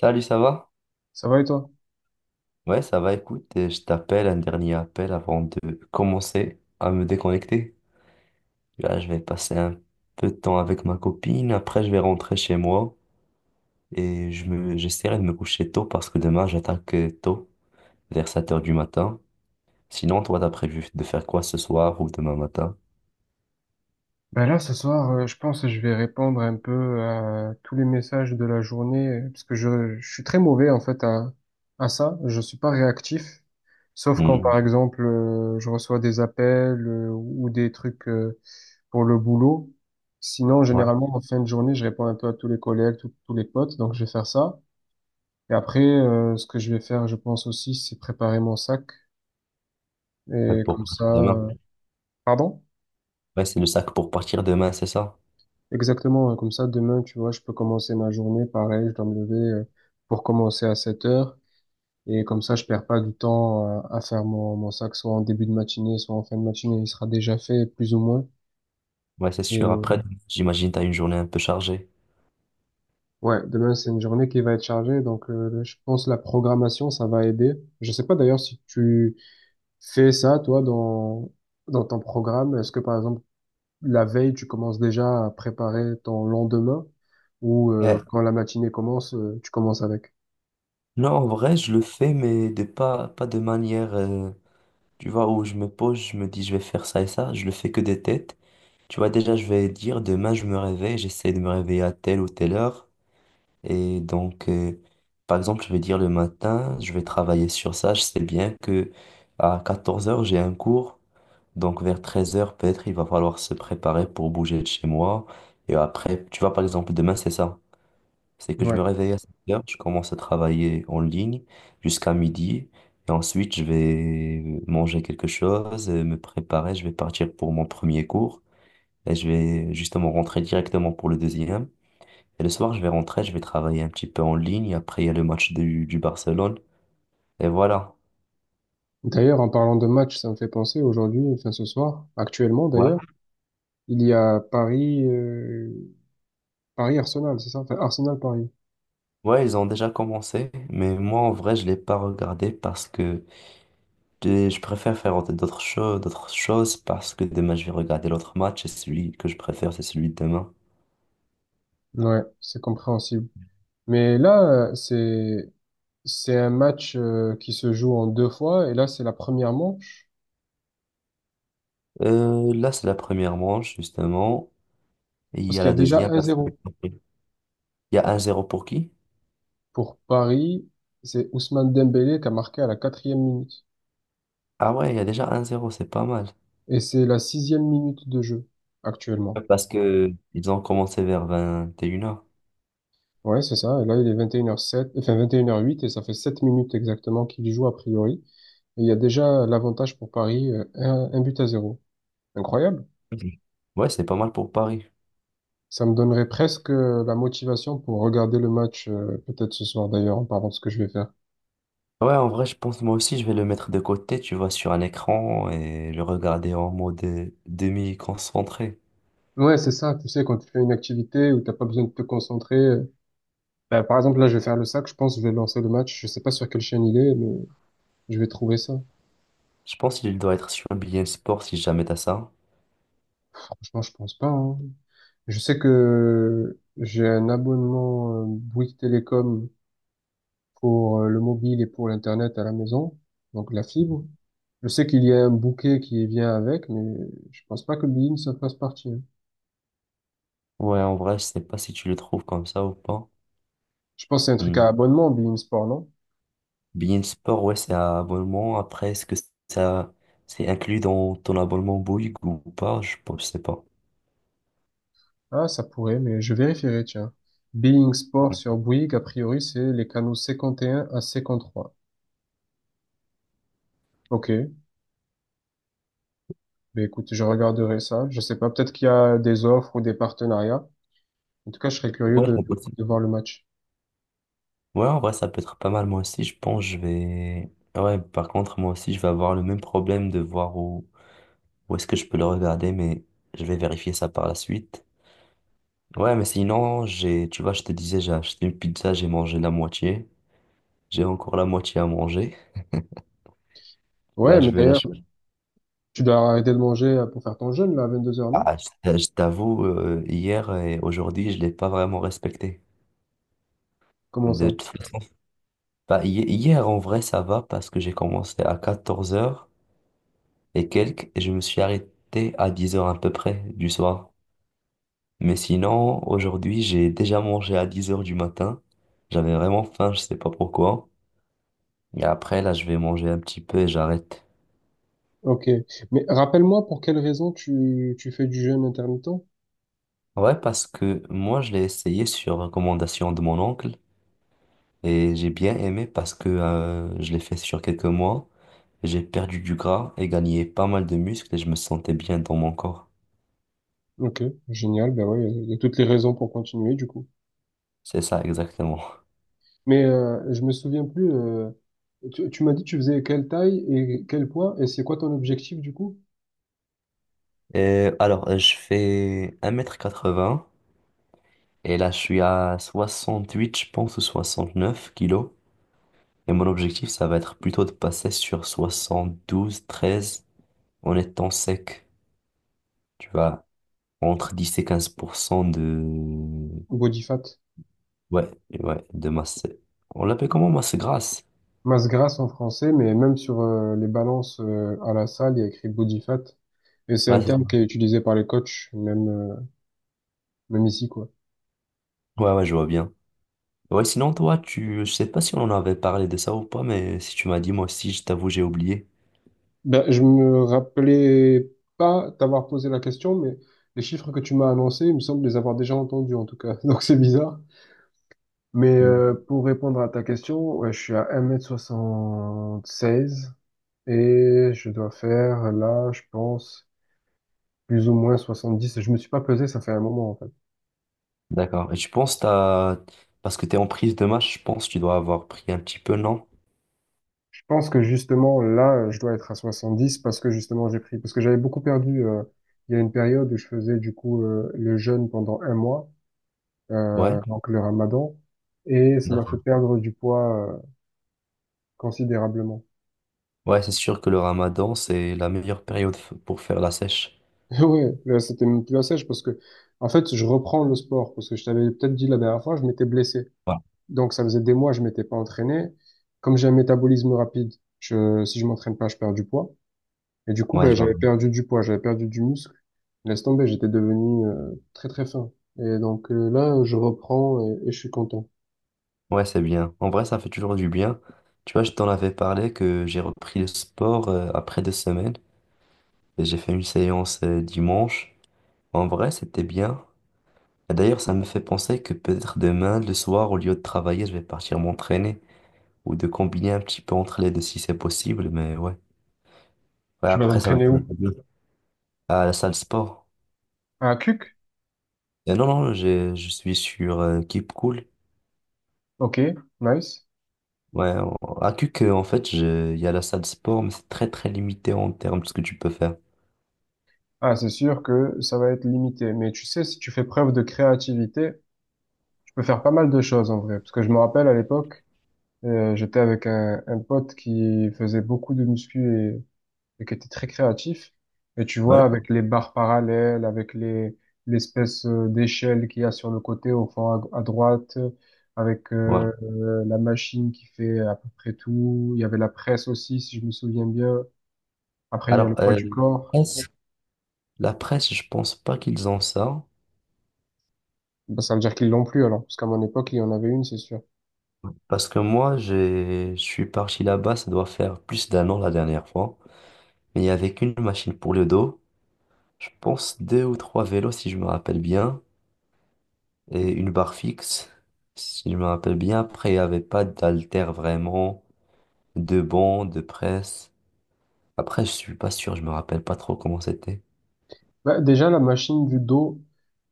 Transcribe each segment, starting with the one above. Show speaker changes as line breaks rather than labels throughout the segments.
Salut, ça va?
Ça va et toi?
Ouais, ça va, écoute, je t'appelle un dernier appel avant de commencer à me déconnecter. Là, je vais passer un peu de temps avec ma copine, après je vais rentrer chez moi et j'essaierai de me coucher tôt parce que demain j'attaque tôt, vers 7 heures du matin. Sinon, toi, t'as prévu de faire quoi ce soir ou demain matin?
Ben là, ce soir, je pense que je vais répondre un peu à tous les messages de la journée, parce que je suis très mauvais en fait à ça. Je suis pas réactif, sauf quand
Hmm.
par exemple je reçois des appels ou des trucs pour le boulot. Sinon,
Ouais,
généralement en fin de journée, je réponds un peu à tous les collègues, tous les potes, donc je vais faire ça. Et après, ce que je vais faire, je pense aussi, c'est préparer mon sac.
ouais,
Et
pour
comme ça,
partir demain.
euh, pardon?
Ouais, c'est le sac pour partir demain, c'est ça?
Exactement, hein, comme ça, demain, tu vois, je peux commencer ma journée, pareil, je dois me lever pour commencer à 7 heures, et comme ça, je perds pas du temps à faire mon sac, soit en début de matinée, soit en fin de matinée, il sera déjà fait, plus ou moins,
Ouais, c'est sûr. Après,
et
j'imagine t'as une journée un peu chargée.
ouais, demain, c'est une journée qui va être chargée, donc je pense la programmation, ça va aider. Je sais pas d'ailleurs si tu fais ça, toi, dans ton programme, est-ce que, par exemple, la veille, tu commences déjà à préparer ton lendemain, ou
Ouais.
quand la matinée commence, tu commences avec?
Non, en vrai, je le fais, mais de pas de manière, tu vois, où je me pose, je me dis, je vais faire ça et ça. Je le fais que des têtes. Tu vois, déjà, je vais dire, demain, je me réveille, j'essaie de me réveiller à telle ou telle heure. Et donc, par exemple, je vais dire le matin, je vais travailler sur ça. Je sais bien que à 14 heures, j'ai un cours. Donc vers 13 heures peut-être, il va falloir se préparer pour bouger de chez moi. Et après, tu vois, par exemple, demain, c'est ça. C'est que je
Ouais.
me réveille à 7 heures, je commence à travailler en ligne jusqu'à midi. Et ensuite, je vais manger quelque chose, me préparer. Je vais partir pour mon premier cours. Et je vais justement rentrer directement pour le deuxième. Et le soir, je vais rentrer, je vais travailler un petit peu en ligne. Après, il y a le match du Barcelone. Et voilà.
D'ailleurs, en parlant de match, ça me fait penser aujourd'hui, enfin ce soir, actuellement
Ouais.
d'ailleurs, il y a Paris, Paris-Arsenal, c'est ça? Enfin, Arsenal-Paris.
Ouais, ils ont déjà commencé. Mais moi, en vrai, je l'ai pas regardé parce que je préfère faire d'autres choses parce que demain, je vais regarder l'autre match. Et celui que je préfère, c'est celui de demain.
Ouais, c'est compréhensible. Mais là, c'est un match qui se joue en deux fois, et là, c'est la première manche,
Là, c'est la première manche, justement. Il
parce
y a
qu'il y
la
a déjà
deuxième.
un zéro.
Il y a un zéro pour qui?
Pour Paris, c'est Ousmane Dembélé qui a marqué à la 4e minute.
Ah ouais, il y a déjà un zéro, c'est pas mal.
Et c'est la 6e minute de jeu, actuellement.
Parce que ils ont commencé vers 21 heures.
Ouais, c'est ça. Et là, il est 21h07, enfin 21h08 et ça fait 7 minutes exactement qu'il y joue a priori. Et il y a déjà l'avantage pour Paris, un but à zéro. Incroyable.
Ouais, c'est pas mal pour Paris.
Ça me donnerait presque la motivation pour regarder le match, peut-être ce soir d'ailleurs, en parlant de ce que je vais faire.
Ouais, en vrai, je pense moi aussi, je vais le mettre de côté, tu vois, sur un écran et le regarder en mode demi-concentré.
Ouais, c'est ça. Tu sais, quand tu fais une activité où t'as pas besoin de te concentrer. Bah, par exemple, là, je vais faire le sac. Je pense que je vais lancer le match. Je sais pas sur quelle chaîne il est, mais je vais trouver ça.
Je pense qu'il doit être sur BeIN Sport si jamais t'as ça.
Franchement, je pense pas, hein. Je sais que j'ai un abonnement Bouygues Télécom pour le mobile et pour l'Internet à la maison, donc la fibre. Je sais qu'il y a un bouquet qui vient avec, mais je pense pas que Bein ça fasse partie, hein.
Ouais, en vrai, je sais pas si tu le trouves comme ça ou pas.
Je pense que c'est un truc à
Hmm.
abonnement, Bein Sport, non?
Bein Sport, ouais, c'est un abonnement. Après, est-ce que ça, c'est inclus dans ton abonnement Bouygues ou pas? Je pense, je sais pas.
Ah, ça pourrait, mais je vérifierai, tiens. Bein Sport sur Bouygues, a priori, c'est les canaux 51 à 53. Ok, ben écoute, je regarderai ça. Je sais pas, peut-être qu'il y a des offres ou des partenariats. En tout cas, je serais curieux
Ouais, c'est possible.
de voir le match.
Ouais, en vrai, ça peut être pas mal. Moi aussi, je pense, je vais. Ouais, par contre, moi aussi, je vais avoir le même problème de voir où est-ce que je peux le regarder, mais je vais vérifier ça par la suite. Ouais, mais sinon, j'ai, tu vois, je te disais, j'ai acheté une pizza, j'ai mangé la moitié. J'ai encore la moitié à manger.
Ouais,
Là, je
mais
vais la...
d'ailleurs, tu dois arrêter de manger pour faire ton jeûne, là, à 22 heures, non?
Ah, je t'avoue, hier et aujourd'hui, je l'ai pas vraiment respecté.
Comment
De
ça?
toute façon, bah, hier, en vrai, ça va parce que j'ai commencé à 14 heures et quelques et je me suis arrêté à 10 heures à peu près du soir. Mais sinon, aujourd'hui, j'ai déjà mangé à 10 heures du matin. J'avais vraiment faim, je sais pas pourquoi. Et après, là, je vais manger un petit peu et j'arrête.
Ok. Mais rappelle-moi pour quelle raison tu fais du jeûne intermittent?
Ouais, parce que moi, je l'ai essayé sur recommandation de mon oncle et j'ai bien aimé parce que je l'ai fait sur quelques mois. J'ai perdu du gras et gagné pas mal de muscles et je me sentais bien dans mon corps.
Ok, génial. Ben ouais, il y a toutes les raisons pour continuer du coup.
C'est ça, exactement.
Mais je me souviens plus. Tu m'as dit tu faisais quelle taille et quel poids et c'est quoi ton objectif du coup?
Et alors, je fais un mètre quatre 80 et là, je suis à 68 je pense, ou 69 kilos. Et mon objectif, ça va être plutôt de passer sur 72, 13 en étant sec. Tu vois, entre 10 et 15% de...
Body fat.
Ouais, ouais, de masse. On l'appelle comment, masse grasse?
Masse grasse en français, mais même sur les balances à la salle, il y a écrit body fat. Et c'est
Ouais,
un
c'est ça.
terme qui est utilisé par les coachs, même, même ici, quoi.
Ouais, ouais, je vois bien. Ouais, sinon, toi, tu... Je sais pas si on en avait parlé de ça ou pas, mais si tu m'as dit, moi aussi, je t'avoue, j'ai oublié.
Ben, je me rappelais pas t'avoir posé la question, mais les chiffres que tu m'as annoncés, il me semble les avoir déjà entendus en tout cas. Donc c'est bizarre. Mais pour répondre à ta question, ouais, je suis à 1m76 et je dois faire là, je pense, plus ou moins 70. Je me suis pas pesé, ça fait un moment en fait.
D'accord. Et tu penses t'as... Parce que t'es en prise de match, je pense que tu dois avoir pris un petit peu, non?
Je pense que justement là, je dois être à 70 parce que justement j'ai pris, parce que j'avais beaucoup perdu. Il y a une période où je faisais du coup le jeûne pendant 1 mois.
Ouais.
Donc le ramadan, et ça m'a fait
D'accord.
perdre du poids considérablement.
Ouais, c'est sûr que le ramadan, c'est la meilleure période pour faire la sèche.
Ouais, là c'était même plus la sèche parce que, en fait, je reprends le sport parce que je t'avais peut-être dit la dernière fois, je m'étais blessé.
Ouais,
Donc ça faisait des mois, je m'étais pas entraîné. Comme j'ai un métabolisme rapide, si je m'entraîne pas, je perds du poids. Et du coup,
ouais,
ben,
je vois.
j'avais perdu du poids, j'avais perdu du muscle. Laisse tomber, j'étais devenu très très fin. Et donc là, je reprends et je suis content.
Ouais, c'est bien. En vrai, ça fait toujours du bien. Tu vois, je t'en avais parlé que j'ai repris le sport après 2 semaines. Et j'ai fait une séance dimanche. En vrai, c'était bien. Et d'ailleurs, ça me fait penser que peut-être demain, le soir, au lieu de travailler, je vais partir m'entraîner. Ou de combiner un petit peu entre les deux si c'est possible, mais ouais. Ouais,
Tu vas
après, ça va
t'entraîner
être un
où?
peu dur. À la salle sport.
À Cuc?
Et non, non, je suis sur Keep Cool.
Ok, nice.
Ouais, à CUC, en fait, il y a la salle sport, mais c'est très, très limité en termes de ce que tu peux faire.
Ah, c'est sûr que ça va être limité. Mais tu sais, si tu fais preuve de créativité, tu peux faire pas mal de choses en vrai. Parce que je me rappelle à l'époque, j'étais avec un pote qui faisait beaucoup de muscu et qui était très créatif. Et tu
Ouais,
vois, avec les barres parallèles, avec les l'espèce d'échelle qu'il y a sur le côté au fond à droite, avec
ouais.
la machine qui fait à peu près tout. Il y avait la presse aussi, si je me souviens bien. Après, il y a
Alors,
le poids du corps.
presse- la presse, je pense pas qu'ils ont ça.
Bah, ça veut dire qu'ils l'ont plus alors, parce qu'à mon époque, il y en avait une, c'est sûr.
Parce que moi, je suis parti là-bas, ça doit faire plus d'un an la dernière fois. Mais il n'y avait qu'une machine pour le dos. Je pense deux ou trois vélos, si je me rappelle bien. Et une barre fixe, si je me rappelle bien. Après, il n'y avait pas d'haltère vraiment, de banc, de presse. Après, je suis pas sûr, je me rappelle pas trop comment c'était.
Bah, déjà, la machine du dos,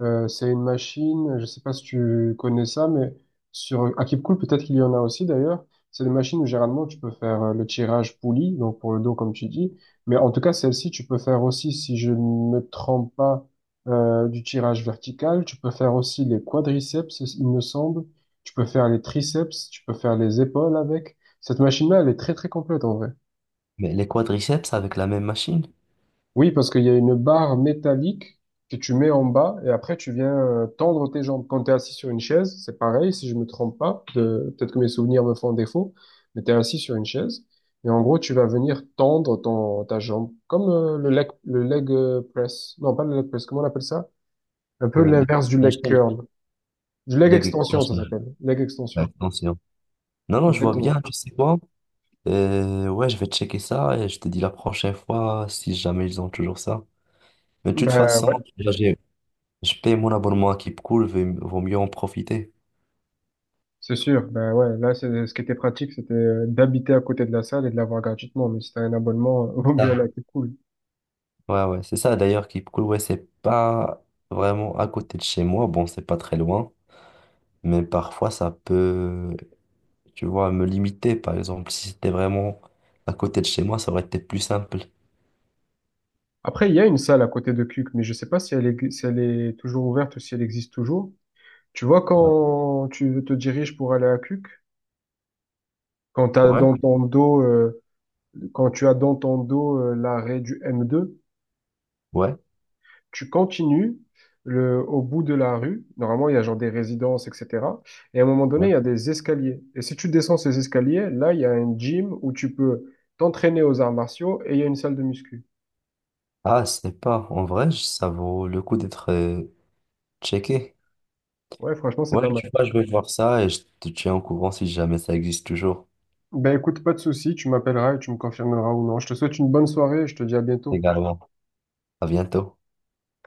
c'est une machine, je sais pas si tu connais ça, mais sur à Keepcool, peut-être qu'il y en a aussi d'ailleurs. C'est des machines où généralement tu peux faire le tirage poulie, donc pour le dos comme tu dis. Mais en tout cas, celle-ci, tu peux faire aussi, si je ne me trompe pas, du tirage vertical. Tu peux faire aussi les quadriceps, il me semble. Tu peux faire les triceps, tu peux faire les épaules avec. Cette machine-là, elle est très très complète en vrai.
Mais les quadriceps avec la même machine?
Oui, parce qu'il y a une barre métallique que tu mets en bas et après tu viens tendre tes jambes. Quand tu es assis sur une chaise, c'est pareil, si je me trompe pas, peut-être que mes souvenirs me font défaut, mais tu es assis sur une chaise et en gros tu vas venir tendre ta jambe, comme le leg press. Non, pas le leg press, comment on appelle ça? Un peu
Le- le-
l'inverse du
la
leg
chaîne.
curl. Du leg
Leg
extension, ça
extension.
s'appelle.
Leg
Leg extension.
extension. Attention. Non, non, je vois
Exactement.
bien, tu sais quoi? Et ouais, je vais checker ça et je te dis la prochaine fois si jamais ils ont toujours ça. Mais de toute
Ben
façon,
ouais.
là, je paye mon abonnement à Keep Cool, vaut mieux en profiter.
C'est sûr, ben ouais, là, ce qui était pratique, c'était d'habiter à côté de la salle et de l'avoir gratuitement. Mais si t'as un abonnement, vaut mieux aller à
Ah.
Cuc Cool.
Ouais, ouais, c'est ça. D'ailleurs, Keep Cool, ouais, c'est pas vraiment à côté de chez moi. Bon, c'est pas très loin, mais parfois ça peut, tu vois, me limiter. Par exemple, si c'était vraiment à côté de chez moi, ça aurait été plus simple.
Après, il y a une salle à côté de Cuc, mais je sais pas si elle est, si elle est toujours ouverte ou si elle existe toujours. Tu vois,
Ouais,
quand tu te diriges pour aller à Cuc, quand t'as
ouais,
dans ton dos, quand tu as dans ton dos, l'arrêt du M2.
ouais.
Tu continues le, au bout de la rue. Normalement, il y a genre des résidences, etc. Et à un moment donné,
Ouais.
il y a des escaliers. Et si tu descends ces escaliers, là, il y a un gym où tu peux t'entraîner aux arts martiaux et il y a une salle de muscu.
Ah, c'est pas. En vrai, ça vaut le coup d'être checké.
Ouais, franchement, c'est
Ouais,
pas mal.
tu vois, je vais voir ça et je te tiens au courant si jamais ça existe toujours.
Ben écoute, pas de souci, tu m'appelleras et tu me confirmeras ou non. Je te souhaite une bonne soirée et je te dis à bientôt.
Également. À bientôt.